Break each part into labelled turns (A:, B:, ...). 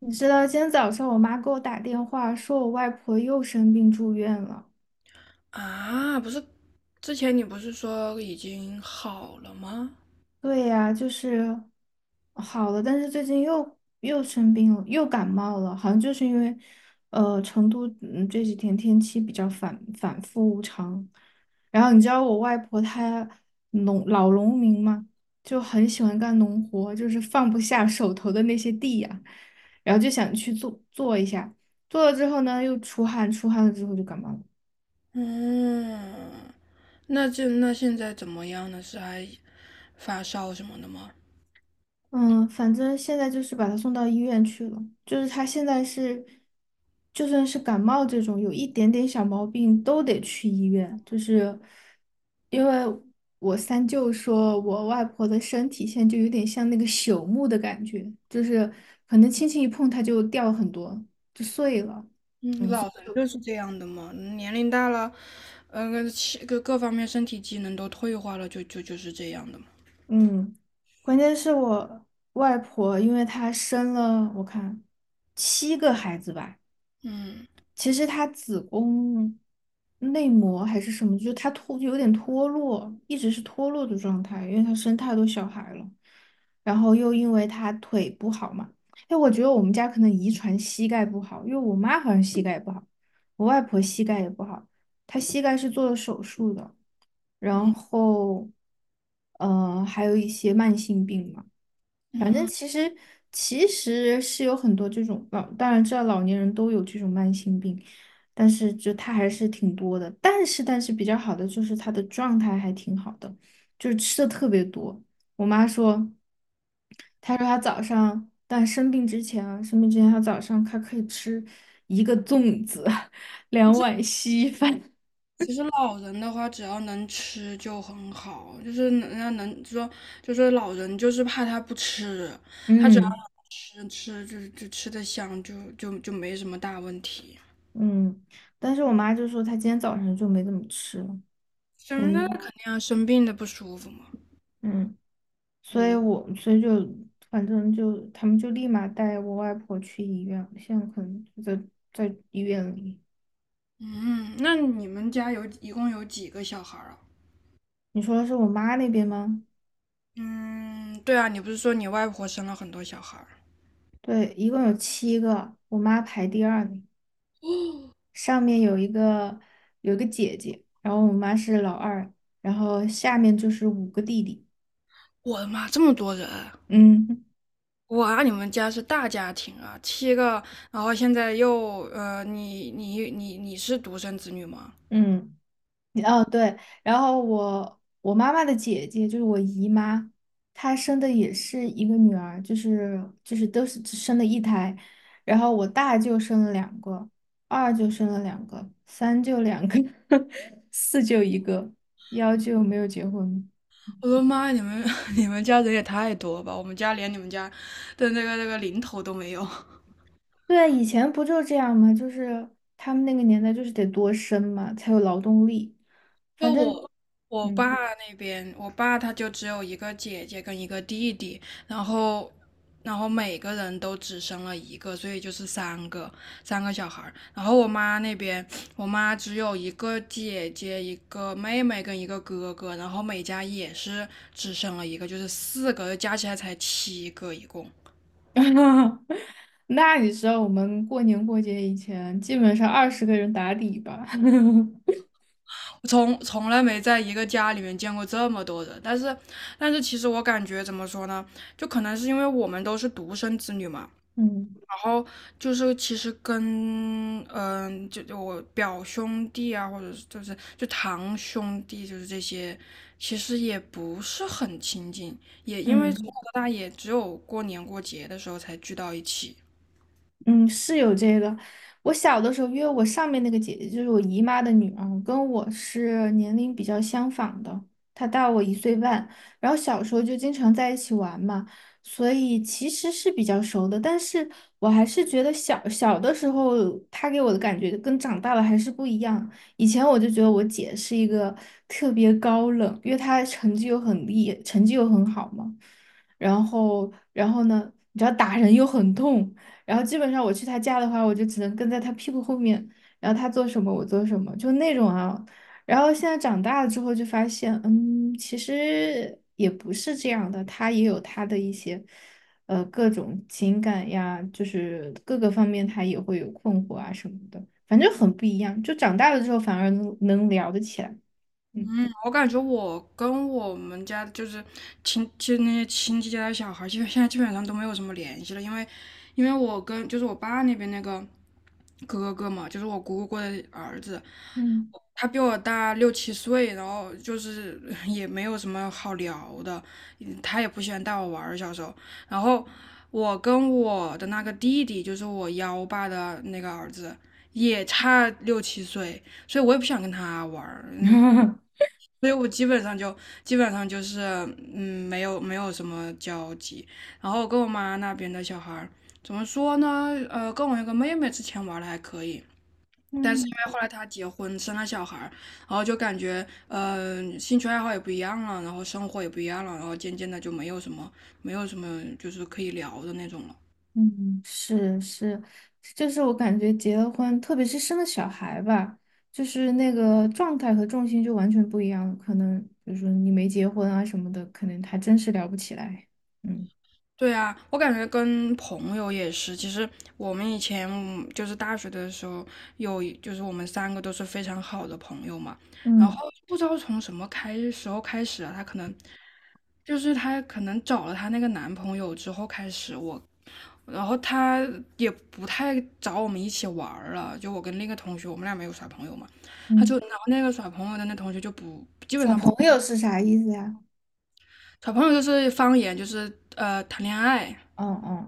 A: 你知道今天早上我妈给我打电话，说我外婆又生病住院了。
B: 啊，不是，之前你不是说已经好了吗？
A: 对呀，就是好了，但是最近又生病了，又感冒了，好像就是因为成都这几天天气比较反反复无常。然后你知道我外婆她老农民嘛，就很喜欢干农活，就是放不下手头的那些地呀、然后就想去做做一下，做了之后呢又出汗，出汗了之后就感冒了。
B: 嗯，那现在怎么样呢？是还发烧什么的吗？
A: 嗯，反正现在就是把他送到医院去了。就是他现在是，就算是感冒这种有一点点小毛病都得去医院。就是因为我三舅说，我外婆的身体现在就有点像那个朽木的感觉，就是可能轻轻一碰它就掉很多，就碎了。
B: 嗯，老人就是这样的嘛，年龄大了，气各方面身体机能都退化了，就是这样的嘛。
A: 嗯，关键是我外婆，因为她生了我看七个孩子吧。
B: 嗯
A: 其实她子宫内膜还是什么，就她有点脱落，一直是脱落的状态，因为她生太多小孩了，然后又因为她腿不好嘛，哎，我觉得我们家可能遗传膝盖不好，因为我妈好像膝盖也不好，我外婆膝盖也不好，她膝盖是做了手术的，然
B: 嗯
A: 后，还有一些慢性病嘛。反正
B: 嗯嗯，
A: 其实其实是有很多这种老，当然知道老年人都有这种慢性病，但是就他还是挺多的。但是比较好的就是他的状态还挺好的，就是吃的特别多。我妈说，她说她早上，但生病之前啊，生病之前她早上她可以吃一个粽子，两碗稀饭。
B: 其实老人的话，只要能吃就很好，就是能人家能说，就说老人就是怕他不吃，他只要。
A: 嗯
B: 吃就吃的香，就没什么大问题。
A: 嗯，但是我妈就说她今天早上就没怎么吃了。
B: 生的
A: 嗯。
B: 肯定要生病的不舒服嘛。
A: 嗯所以
B: 嗯
A: 我所以就反正就他们就立马带我外婆去医院，现在可能就在医院里。
B: 嗯，那你们家有一共有几个小孩儿啊？
A: 你说的是我妈那边吗？
B: 嗯，对啊，你不是说你外婆生了很多小孩儿？
A: 对，一共有七个，我妈排第二名，上面有一个姐姐，然后我妈是老二，然后下面就是五个弟弟。
B: 我的妈，这么多人！
A: 嗯
B: 哇，你们家是大家庭啊，七个，然后现在你是独生子女吗？
A: 嗯。哦，对，然后我妈妈的姐姐就是我姨妈，她生的也是一个女儿，就是都是只生了一胎，然后我大舅生了两个，二舅生了两个，三舅两个，四舅一个，幺舅没有结婚。
B: 我的妈你们 你们家人也太多吧？我们家连你们家的那个零头都没有。
A: 对，啊，以前不就这样吗？就是他们那个年代就是得多生嘛，才有劳动力。反
B: 就
A: 正，
B: 我我爸
A: 嗯。
B: 那边，我爸他就只有一个姐姐跟一个弟弟，然后然后每个人都只生了一个，所以就是三个小孩儿。然后我妈那边，我妈只有一个姐姐、一个妹妹跟一个哥哥，然后每家也是只生了一个，就是四个，加起来才七个一共。
A: 那你知道我们过年过节以前，基本上二十个人打底吧？
B: 从来没在一个家里面见过这么多人，但是其实我感觉怎么说呢，就可能是因为我们都是独生子女嘛。
A: 嗯。
B: 然后就是其实跟嗯，就就我表兄弟啊，或者是就是就堂兄弟，就是这些，其实也不是很亲近，也因为从
A: 嗯。
B: 小到大也只有过年过节的时候才聚到一起。
A: 嗯，是有这个。我小的时候，因为我上面那个姐姐就是我姨妈的女儿，跟我是年龄比较相仿的，她大我一岁半。然后小时候就经常在一起玩嘛，所以其实是比较熟的。但是我还是觉得小小的时候，她给我的感觉跟长大了还是不一样。以前我就觉得我姐是一个特别高冷，因为她成绩又很厉，成绩又很好嘛。然后，然后呢，你知道打人又很痛。然后基本上我去他家的话，我就只能跟在他屁股后面，然后他做什么我做什么，就那种啊。然后现在长大了之后就发现，其实也不是这样的，他也有他的一些，各种情感呀，就是各个方面他也会有困惑啊什么的，反正很不一样。就长大了之后反而能聊得起来，嗯
B: 我感觉我跟我们家就是亲，就那些亲戚家的小孩，现在基本上都没有什么联系了，因为我跟就是我爸那边那个哥哥嘛，就是我姑姑过的儿子，
A: 嗯
B: 他比我大六七岁，然后就是 也没有什么好聊的，嗯他也不喜欢带我玩儿，小时候。然后我跟我的那个弟弟，就是我幺爸的那个儿子，也差六七岁，所以我也不想跟他玩儿，嗯所以我基本上就是嗯，没有什么交集。然后跟我妈那边的小孩儿怎么说呢？呃，跟我那个妹妹之前玩的还可以，但是
A: 嗯。
B: 因为后来她结婚生了小孩儿，然后就感觉呃兴趣爱好也不一样了，然后生活也不一样了，然后渐渐的就没有什么就是可以聊的那种了。
A: 嗯，是是，就是我感觉结了婚，特别是生了小孩吧，就是那个状态和重心就完全不一样了。可能比如说你没结婚啊什么的，可能还真是聊不起来。嗯
B: 对啊，我感觉跟朋友也是。其实我们以前嗯就是大学的时候，就是我们三个都是非常好的朋友嘛。然后
A: 嗯。
B: 不知道从什么时候开始啊，她可能就是她可能找了她那个男朋友之后开始我，然后她也不太找我们一起玩儿了。就我跟另一个同学，我们俩没有耍朋友嘛，
A: 嗯
B: 然后那个耍朋友的那同学就不基本
A: 耍
B: 上不
A: 朋
B: 跟
A: 友是啥意思呀？
B: 耍朋友，就是方言，就是呃谈恋爱。
A: 哦哦。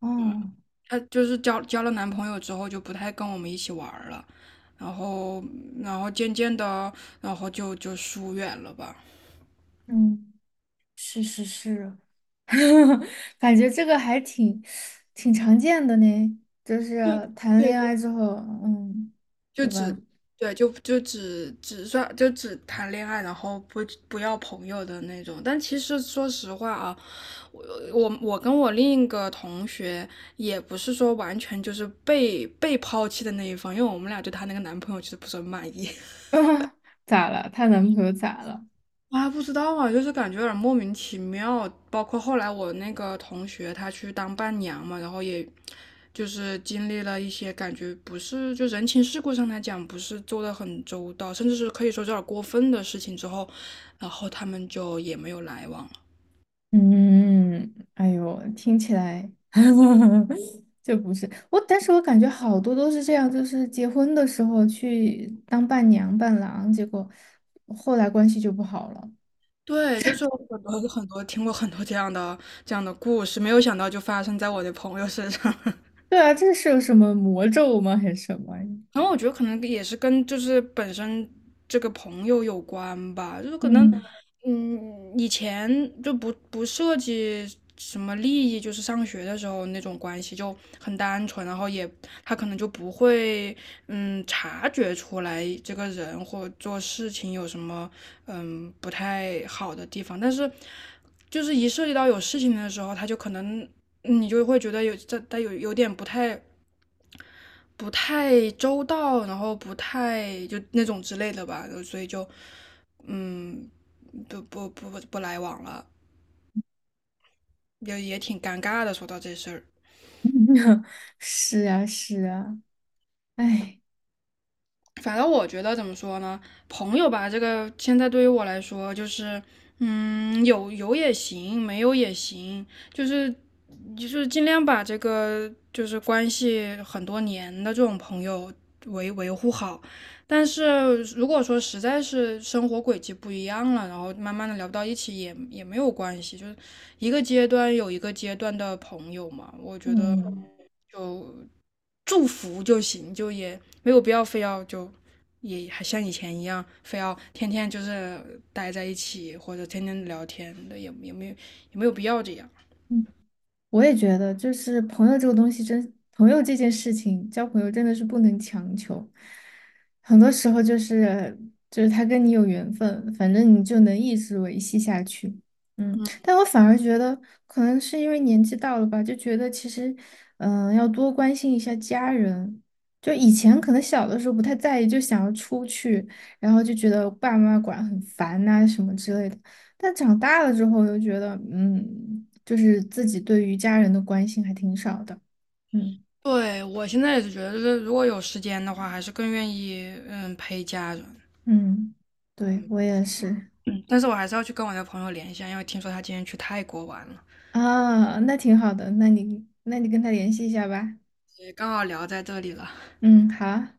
A: 哦哦，
B: 她就是交了男朋友之后就不太跟我们一起玩儿了，然后然后渐渐的，然后就疏远了吧，
A: 嗯，是是是，感觉这个挺常见的呢，就是谈
B: 对
A: 恋
B: 对，
A: 爱之后，嗯，
B: 就
A: 对
B: 只
A: 吧？
B: 对就就只只算就只谈恋爱，然后不要朋友的那种。但其实说实话啊，我我跟我另一个同学也不是说完全就是被抛弃的那一方，因为我们俩对她那个男朋友其实不是很满意。
A: 啊，咋了？她男朋友咋了？
B: 啊，不知道啊，就是感觉有点莫名其妙。包括后来我那个同学，他去当伴娘嘛，然后也就是经历了一些感觉不是就人情世故上来讲不是做的很周到，甚至是可以说有点过分的事情之后，然后他们就也没有来往了。
A: 嗯，哎呦，听起来 就不是我，但是我感觉好多都是这样，就是结婚的时候去当伴娘伴郎，结果后来关系就不好了。
B: 对，就是有很多听过很多这样的故事，没有想到就发生在我的朋友身上。
A: 对啊，这是有什么魔咒吗？还是什么？
B: 然后我觉得可能也是跟就是本身这个朋友有关吧，就是可能，
A: 嗯，
B: 嗯，以前就不涉及什么利益，就是上学的时候那种关系就很单纯，然后也他可能就不会嗯察觉出来这个人或做事情有什么嗯不太好的地方，但是就是一涉及到有事情的时候，他就可能嗯你就会觉得他有点不太周到，然后不太就那种之类的吧，所以就嗯，不来往了，也也挺尴尬的。说到这事儿，
A: 是啊，是啊，哎，
B: 反正我觉得怎么说呢，朋友吧，这个现在对于我来说就是，嗯，有有也行，没有也行，就是就是尽量把这个就是关系很多年的这种朋友维护好。但是如果说实在是生活轨迹不一样了，然后慢慢的聊不到一起也也没有关系，就是一个阶段有一个阶段的朋友嘛，我觉得
A: 嗯。
B: 就祝福就行，就也没有必要非要就也还像以前一样，非要天天就是待在一起或者天天聊天的，也也没有也没有必要这样。
A: 嗯我也觉得，就是朋友这个东西真，朋友这件事情，交朋友真的是不能强求。很多时候就是他跟你有缘分，反正你就能一直维系下去。嗯，但我反而觉得，可能是因为年纪到了吧，就觉得其实，嗯、要多关心一下家人。就以前可能小的时候不太在意，就想要出去，然后就觉得爸妈管很烦呐、什么之类的。但长大了之后，又觉得，嗯。就是自己对于家人的关心还挺少的。嗯
B: 对我现在也是觉得，就是如果有时间的话，还是更愿意嗯陪家人。
A: 嗯，对，我也是。
B: 嗯但是我还是要去跟我的朋友联系啊因为听说他今天去泰国玩了，
A: 啊，那挺好的，那你那你跟他联系一下吧。
B: 也刚好聊在这里了。
A: 嗯，好啊